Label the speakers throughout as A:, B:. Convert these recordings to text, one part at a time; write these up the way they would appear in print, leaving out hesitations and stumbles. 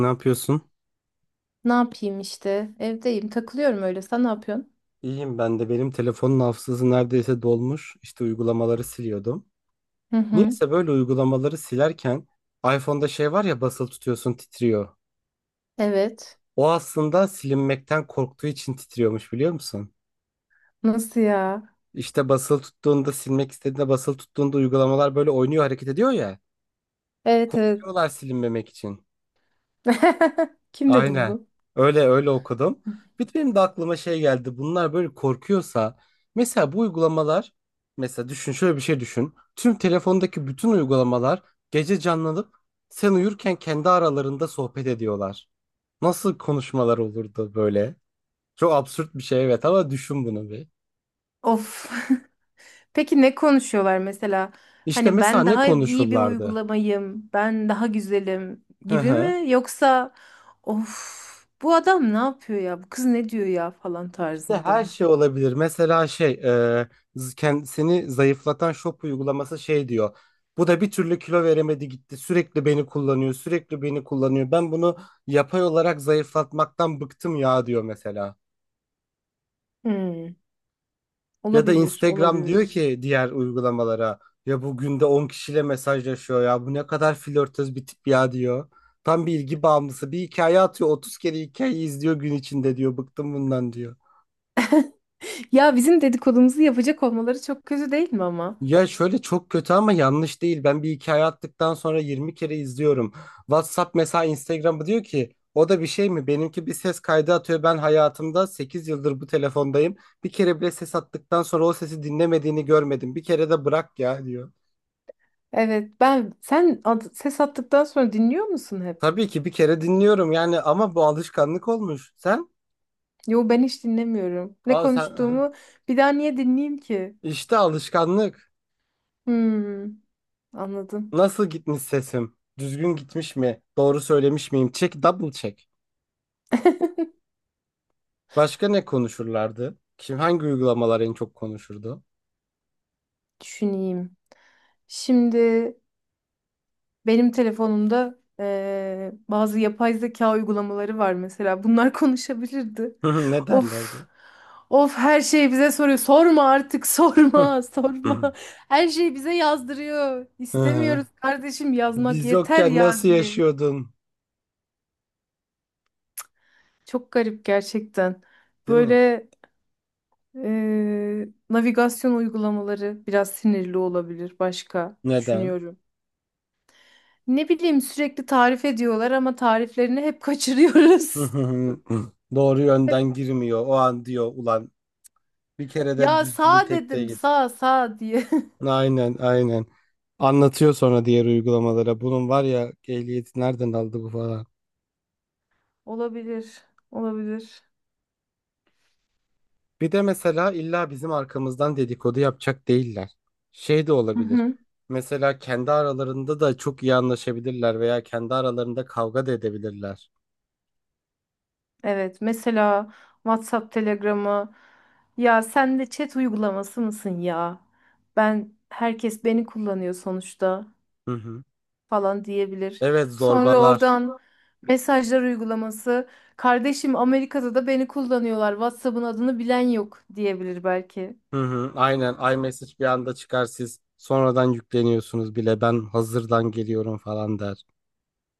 A: Ne yapıyorsun?
B: Ne yapayım işte? Evdeyim, takılıyorum öyle. Sen ne yapıyorsun?
A: İyiyim ben de. Benim telefonun hafızası neredeyse dolmuş. İşte uygulamaları siliyordum.
B: Hı hı.
A: Niyeyse böyle uygulamaları silerken iPhone'da şey var ya, basılı tutuyorsun, titriyor.
B: Evet.
A: O aslında silinmekten korktuğu için titriyormuş, biliyor musun?
B: Nasıl ya?
A: İşte basılı tuttuğunda, silmek istediğinde basılı tuttuğunda uygulamalar böyle oynuyor, hareket ediyor ya.
B: Evet evet.
A: Yapıyorlar silinmemek için.
B: Kim dedi
A: Aynen.
B: bunu?
A: Öyle öyle okudum. Bir de benim de aklıma şey geldi. Bunlar böyle korkuyorsa mesela, bu uygulamalar, mesela düşün, şöyle bir şey düşün. Tüm telefondaki bütün uygulamalar gece canlanıp sen uyurken kendi aralarında sohbet ediyorlar. Nasıl konuşmalar olurdu böyle? Çok absürt bir şey, evet, ama düşün bunu bir.
B: Of. Peki ne konuşuyorlar mesela?
A: İşte
B: Hani
A: mesela
B: ben
A: ne
B: daha iyi bir
A: konuşurlardı?
B: uygulamayım, ben daha güzelim
A: Hı
B: gibi
A: hı.
B: mi? Yoksa of bu adam ne yapıyor ya? Bu kız ne diyor ya falan
A: İşte
B: tarzında
A: her
B: mı?
A: şey olabilir. Mesela şey, seni zayıflatan shop uygulaması şey diyor. Bu da bir türlü kilo veremedi gitti. Sürekli beni kullanıyor, sürekli beni kullanıyor. Ben bunu yapay olarak zayıflatmaktan bıktım ya, diyor mesela.
B: Hmm,
A: Ya da
B: olabilir,
A: Instagram diyor
B: olabilir.
A: ki diğer uygulamalara, ya bu günde 10 kişiyle mesajlaşıyor ya, bu ne kadar flörtöz bir tip ya, diyor. Tam bir ilgi bağımlısı, bir hikaye atıyor, 30 kere hikayeyi izliyor gün içinde, diyor, bıktım bundan, diyor.
B: Ya bizim dedikodumuzu yapacak olmaları çok kötü değil mi ama?
A: Ya şöyle, çok kötü ama yanlış değil. Ben bir hikaye attıktan sonra 20 kere izliyorum. WhatsApp mesela Instagram'ı diyor ki, o da bir şey mi? Benimki bir ses kaydı atıyor. Ben hayatımda 8 yıldır bu telefondayım. Bir kere bile ses attıktan sonra o sesi dinlemediğini görmedim. Bir kere de bırak ya, diyor.
B: Evet ben sen ses attıktan sonra dinliyor musun hep?
A: Tabii ki bir kere dinliyorum yani, ama bu alışkanlık olmuş. Sen?
B: Yo ben hiç dinlemiyorum. Ne
A: Aa, sen aha.
B: konuştuğumu bir daha niye dinleyeyim ki?
A: İşte alışkanlık.
B: Hmm, anladım.
A: Nasıl gitmiş sesim? Düzgün gitmiş mi? Doğru söylemiş miyim? Check double check. Başka ne konuşurlardı? Kim, hangi uygulamalar en çok konuşurdu?
B: Düşüneyim. Şimdi benim telefonumda bazı yapay zeka uygulamaları var mesela. Bunlar konuşabilirdi.
A: Hı hı, ne
B: Of.
A: derlerdi?
B: Of her şeyi bize soruyor. Sorma artık
A: Hı
B: sorma sorma.
A: hı.
B: Her şeyi bize yazdırıyor.
A: Hı.
B: İstemiyoruz kardeşim yazmak
A: Biz
B: yeter
A: yokken
B: ya
A: nasıl
B: diye.
A: yaşıyordun?
B: Çok garip gerçekten.
A: Değil mi?
B: Böyle navigasyon uygulamaları biraz sinirli olabilir başka
A: Neden?
B: düşünüyorum. Ne bileyim sürekli tarif ediyorlar ama tariflerini hep
A: Hı
B: kaçırıyoruz.
A: hı hı. Doğru
B: Hep
A: yönden girmiyor. O an diyor, ulan bir kere de
B: ya
A: düzgün
B: sağ
A: tekte
B: dedim
A: git.
B: sağ sağ diye.
A: Aynen aynen. Anlatıyor sonra diğer uygulamalara. Bunun var ya, ehliyeti nereden aldı bu falan.
B: Olabilir. Olabilir.
A: Bir de mesela illa bizim arkamızdan dedikodu yapacak değiller. Şey de
B: Hı
A: olabilir.
B: hı.
A: Mesela kendi aralarında da çok iyi anlaşabilirler veya kendi aralarında kavga da edebilirler.
B: Evet mesela WhatsApp, Telegram'a ya sen de chat uygulaması mısın ya? Ben herkes beni kullanıyor sonuçta,
A: Hı hı.
B: falan diyebilir.
A: Evet,
B: Sonra
A: zorbalar.
B: oradan mesajlar uygulaması kardeşim Amerika'da da beni kullanıyorlar. WhatsApp'ın adını bilen yok diyebilir belki.
A: Hı hı. Aynen, iMessage bir anda çıkar, siz sonradan yükleniyorsunuz bile, ben hazırdan geliyorum falan der.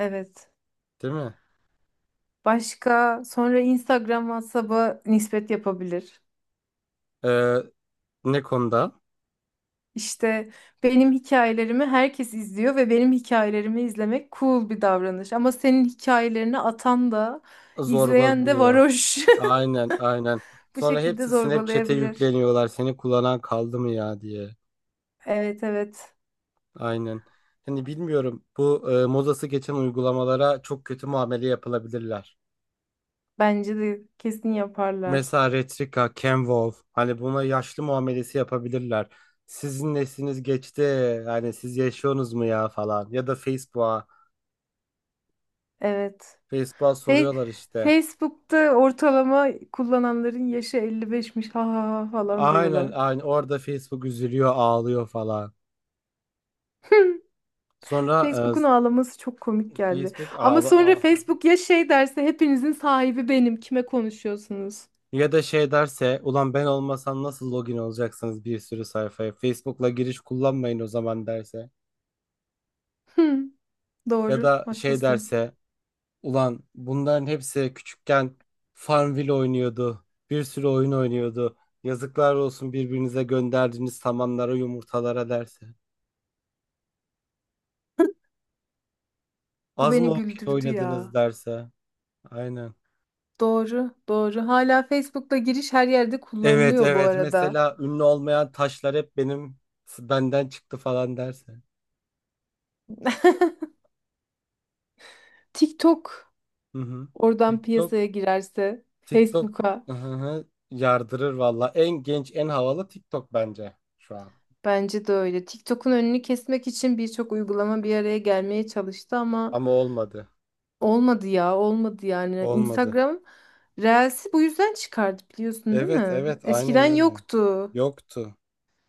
B: Evet.
A: Değil mi?
B: Başka sonra Instagram WhatsApp'a nispet yapabilir.
A: Ee, ne konuda?
B: İşte benim hikayelerimi herkes izliyor ve benim hikayelerimi izlemek cool bir davranış. Ama senin hikayelerini atan da izleyen de
A: Zorbalanıyor.
B: varoş.
A: Aynen aynen.
B: Bu
A: Sonra
B: şekilde
A: hepsi Snapchat'e
B: zorbalayabilir.
A: yükleniyorlar, seni kullanan kaldı mı ya, diye.
B: Evet evet.
A: Aynen. Hani bilmiyorum, bu modası geçen uygulamalara çok kötü muamele yapılabilirler.
B: Bence de kesin yaparlar.
A: Mesela Retrika, Canvolv, hani buna yaşlı muamelesi yapabilirler. Sizin nesliniz geçti, hani siz yaşıyorsunuz mu ya falan, ya da Facebook'a,
B: Evet.
A: Facebook'a
B: Fe-
A: soruyorlar işte.
B: Facebook'ta ortalama kullananların yaşı 55'miş, ha ha ha falan
A: Aynen
B: diyorlar.
A: aynen, orada Facebook üzülüyor, ağlıyor falan. Sonra
B: Facebook'un ağlaması çok komik geldi.
A: Facebook
B: Ama
A: ağla,
B: sonra
A: ağla.
B: Facebook ya şey derse hepinizin sahibi benim. Kime konuşuyorsunuz?
A: Ya da şey derse, ulan ben olmasam nasıl login olacaksınız bir sürü sayfaya, Facebook'la giriş kullanmayın o zaman, derse.
B: Hmm,
A: Ya
B: doğru,
A: da şey
B: haklısın.
A: derse, ulan bunların hepsi küçükken Farmville oynuyordu. Bir sürü oyun oynuyordu. Yazıklar olsun birbirinize gönderdiğiniz samanlara, yumurtalara, derse.
B: Bu
A: Az mı
B: beni
A: okey
B: güldürdü
A: oynadınız,
B: ya.
A: derse. Aynen.
B: Doğru, doğru. Hala Facebook'ta giriş her yerde
A: Evet
B: kullanılıyor bu
A: evet,
B: arada.
A: mesela ünlü olmayan taşlar hep benim, benden çıktı falan, derse.
B: TikTok
A: Hı hı.
B: oradan
A: TikTok,
B: piyasaya girerse
A: TikTok,
B: Facebook'a.
A: hı hı, yardırır valla. En genç, en havalı TikTok bence şu an.
B: Bence de öyle. TikTok'un önünü kesmek için birçok uygulama bir araya gelmeye çalıştı ama
A: Ama olmadı.
B: olmadı ya, olmadı yani.
A: Olmadı.
B: Instagram Reels'i bu yüzden çıkardı biliyorsun değil
A: Evet
B: mi?
A: evet,
B: Eskiden
A: aynen öyle.
B: yoktu.
A: Yoktu.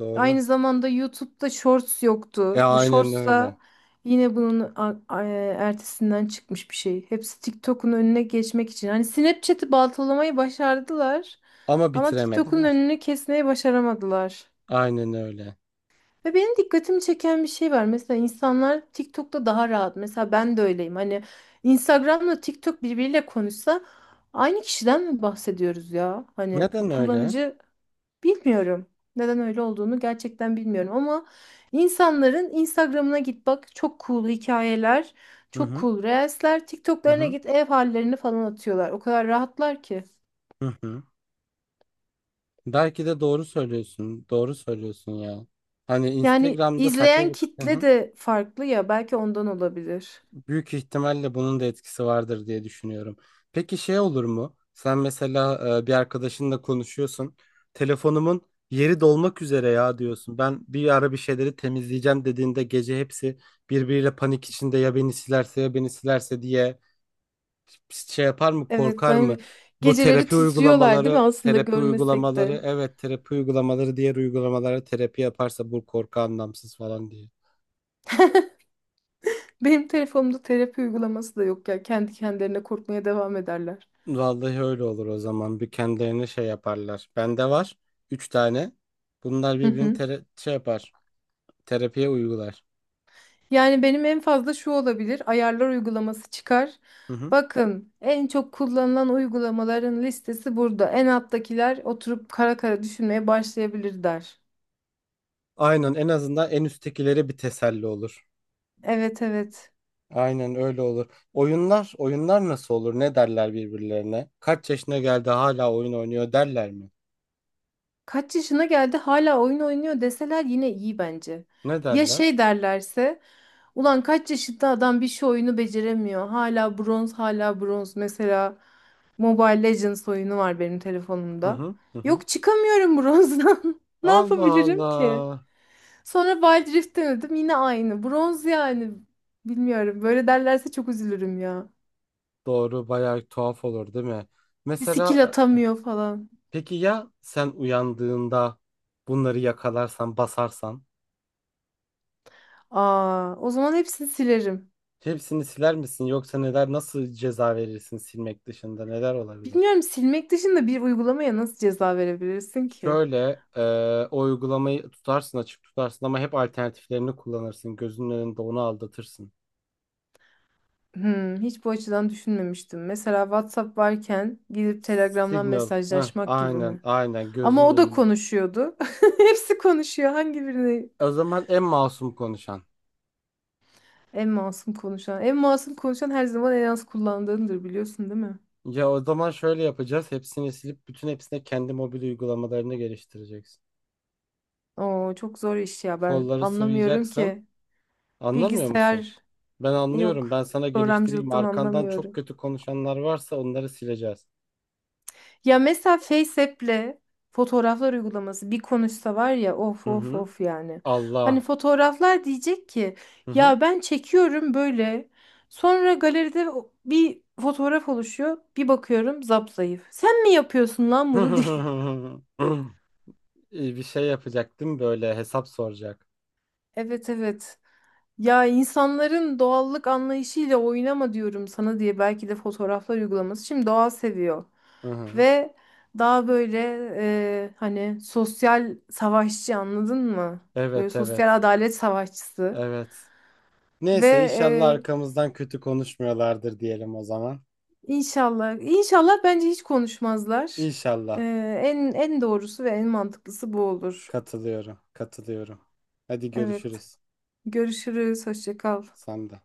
A: Doğru.
B: Aynı zamanda YouTube'da Shorts
A: E
B: yoktu. Bu
A: aynen
B: Shorts
A: öyle.
B: da yine bunun ertesinden çıkmış bir şey. Hepsi TikTok'un önüne geçmek için. Hani Snapchat'i baltalamayı başardılar
A: Ama
B: ama TikTok'un
A: bitiremediler.
B: önünü kesmeyi başaramadılar.
A: Aynen öyle.
B: Ve benim dikkatimi çeken bir şey var. Mesela insanlar TikTok'ta daha rahat. Mesela ben de öyleyim. Hani Instagram'la TikTok birbiriyle konuşsa aynı kişiden mi bahsediyoruz ya? Hani
A: Neden
B: bu
A: öyle?
B: kullanıcı, bilmiyorum. Neden öyle olduğunu gerçekten bilmiyorum ama insanların Instagram'ına git bak, çok cool hikayeler,
A: Hı
B: çok
A: hı.
B: cool reelsler,
A: Hı
B: TikTok'larına
A: hı.
B: git ev hallerini falan atıyorlar. O kadar rahatlar ki.
A: Hı hı. Belki de doğru söylüyorsun. Doğru söylüyorsun ya. Hani
B: Yani
A: Instagram'da saçma
B: izleyen
A: bir... Hı
B: kitle
A: hı.
B: de farklı ya, belki ondan olabilir.
A: Büyük ihtimalle bunun da etkisi vardır diye düşünüyorum. Peki şey olur mu? Sen mesela, bir arkadaşınla konuşuyorsun. Telefonumun yeri dolmak üzere ya, diyorsun. Ben bir ara bir şeyleri temizleyeceğim dediğinde, gece hepsi birbiriyle panik içinde, ya beni silerse, ya beni silerse, diye şey yapar mı,
B: Evet
A: korkar
B: ben,
A: mı? Bu
B: geceleri
A: terapi
B: titriyorlar değil mi
A: uygulamaları,
B: aslında
A: terapi
B: görmesek de.
A: uygulamaları, evet, terapi uygulamaları diğer uygulamalara terapi yaparsa, bu korku anlamsız falan.
B: Benim telefonumda terapi uygulaması da yok ya. Kendi kendilerine korkmaya devam ederler.
A: Vallahi öyle olur o zaman. Bir kendilerine şey yaparlar. Bende var. 3 tane. Bunlar
B: Hı
A: birbirini
B: hı.
A: şey yapar. Terapiye uygular.
B: Yani benim en fazla şu olabilir. Ayarlar uygulaması çıkar.
A: Hı hı.
B: Bakın en çok kullanılan uygulamaların listesi burada. En alttakiler oturup kara kara düşünmeye başlayabilir der.
A: Aynen, en azından en üsttekilere bir teselli olur.
B: Evet evet.
A: Aynen öyle olur. Oyunlar, oyunlar nasıl olur? Ne derler birbirlerine? Kaç yaşına geldi hala oyun oynuyor derler mi?
B: Kaç yaşına geldi hala oyun oynuyor deseler yine iyi bence.
A: Ne
B: Ya
A: derler?
B: şey derlerse ulan kaç yaşında adam bir şey oyunu beceremiyor. Hala bronz, hala bronz mesela. Mobile Legends oyunu var benim
A: Hı
B: telefonumda.
A: hı hı. Hı.
B: Yok, çıkamıyorum bronzdan. Ne
A: Allah
B: yapabilirim ki?
A: Allah.
B: Sonra Wild Rift denedim, yine aynı. Bronz yani. Bilmiyorum. Böyle derlerse çok üzülürüm ya.
A: Doğru, bayağı tuhaf olur değil mi?
B: Bir skill
A: Mesela,
B: atamıyor falan.
A: peki ya sen uyandığında bunları yakalarsan, basarsan,
B: Aa, o zaman hepsini silerim.
A: hepsini siler misin, yoksa neler, nasıl ceza verirsin, silmek dışında neler olabilir?
B: Bilmiyorum silmek dışında bir uygulamaya nasıl ceza verebilirsin ki?
A: Şöyle o uygulamayı tutarsın, açık tutarsın ama hep alternatiflerini kullanırsın. Gözünün önünde onu aldatırsın.
B: Hmm, hiç bu açıdan düşünmemiştim. Mesela WhatsApp varken gidip Telegram'dan
A: Signal. Heh,
B: mesajlaşmak gibi
A: aynen
B: mi?
A: aynen,
B: Ama
A: gözünün
B: o da
A: önünde.
B: konuşuyordu. Hepsi konuşuyor. Hangi birini?
A: O zaman en masum konuşan.
B: En masum konuşan. En masum konuşan her zaman en az kullandığındır biliyorsun değil mi?
A: Ya o zaman şöyle yapacağız. Hepsini silip bütün hepsine kendi mobil uygulamalarını geliştireceksin.
B: Oo, çok zor iş ya. Ben
A: Kolları
B: anlamıyorum
A: sıvayacaksın.
B: ki.
A: Anlamıyor musun?
B: Bilgisayar
A: Ben anlıyorum.
B: yok.
A: Ben sana geliştireyim.
B: Programcılıktan
A: Arkandan çok
B: anlamıyorum.
A: kötü konuşanlar varsa onları sileceğiz.
B: Ya mesela FaceApp'le fotoğraflar uygulaması bir konuşsa var ya, of
A: Hı
B: of
A: hı.
B: of yani. Hani
A: Allah.
B: fotoğraflar diyecek ki,
A: Hı hı.
B: ya ben çekiyorum böyle. Sonra galeride bir fotoğraf oluşuyor. Bir bakıyorum zapzayıf. Sen mi yapıyorsun lan bunu diye.
A: İyi, bir şey yapacaktım, böyle hesap soracak.
B: Evet evet. Ya insanların doğallık anlayışıyla oynama diyorum sana diye belki de fotoğraflar uygulaması. Şimdi doğa seviyor
A: Hı hı.
B: ve daha böyle hani sosyal savaşçı, anladın mı? Böyle
A: Evet evet.
B: sosyal adalet savaşçısı
A: Evet.
B: ve
A: Neyse,
B: e,
A: inşallah arkamızdan kötü konuşmuyorlardır diyelim o zaman.
B: inşallah inşallah bence hiç konuşmazlar. E,
A: İnşallah.
B: en doğrusu ve en mantıklısı bu olur.
A: Katılıyorum. Katılıyorum. Hadi
B: Evet.
A: görüşürüz.
B: Görüşürüz. Hoşça kal.
A: Sen de.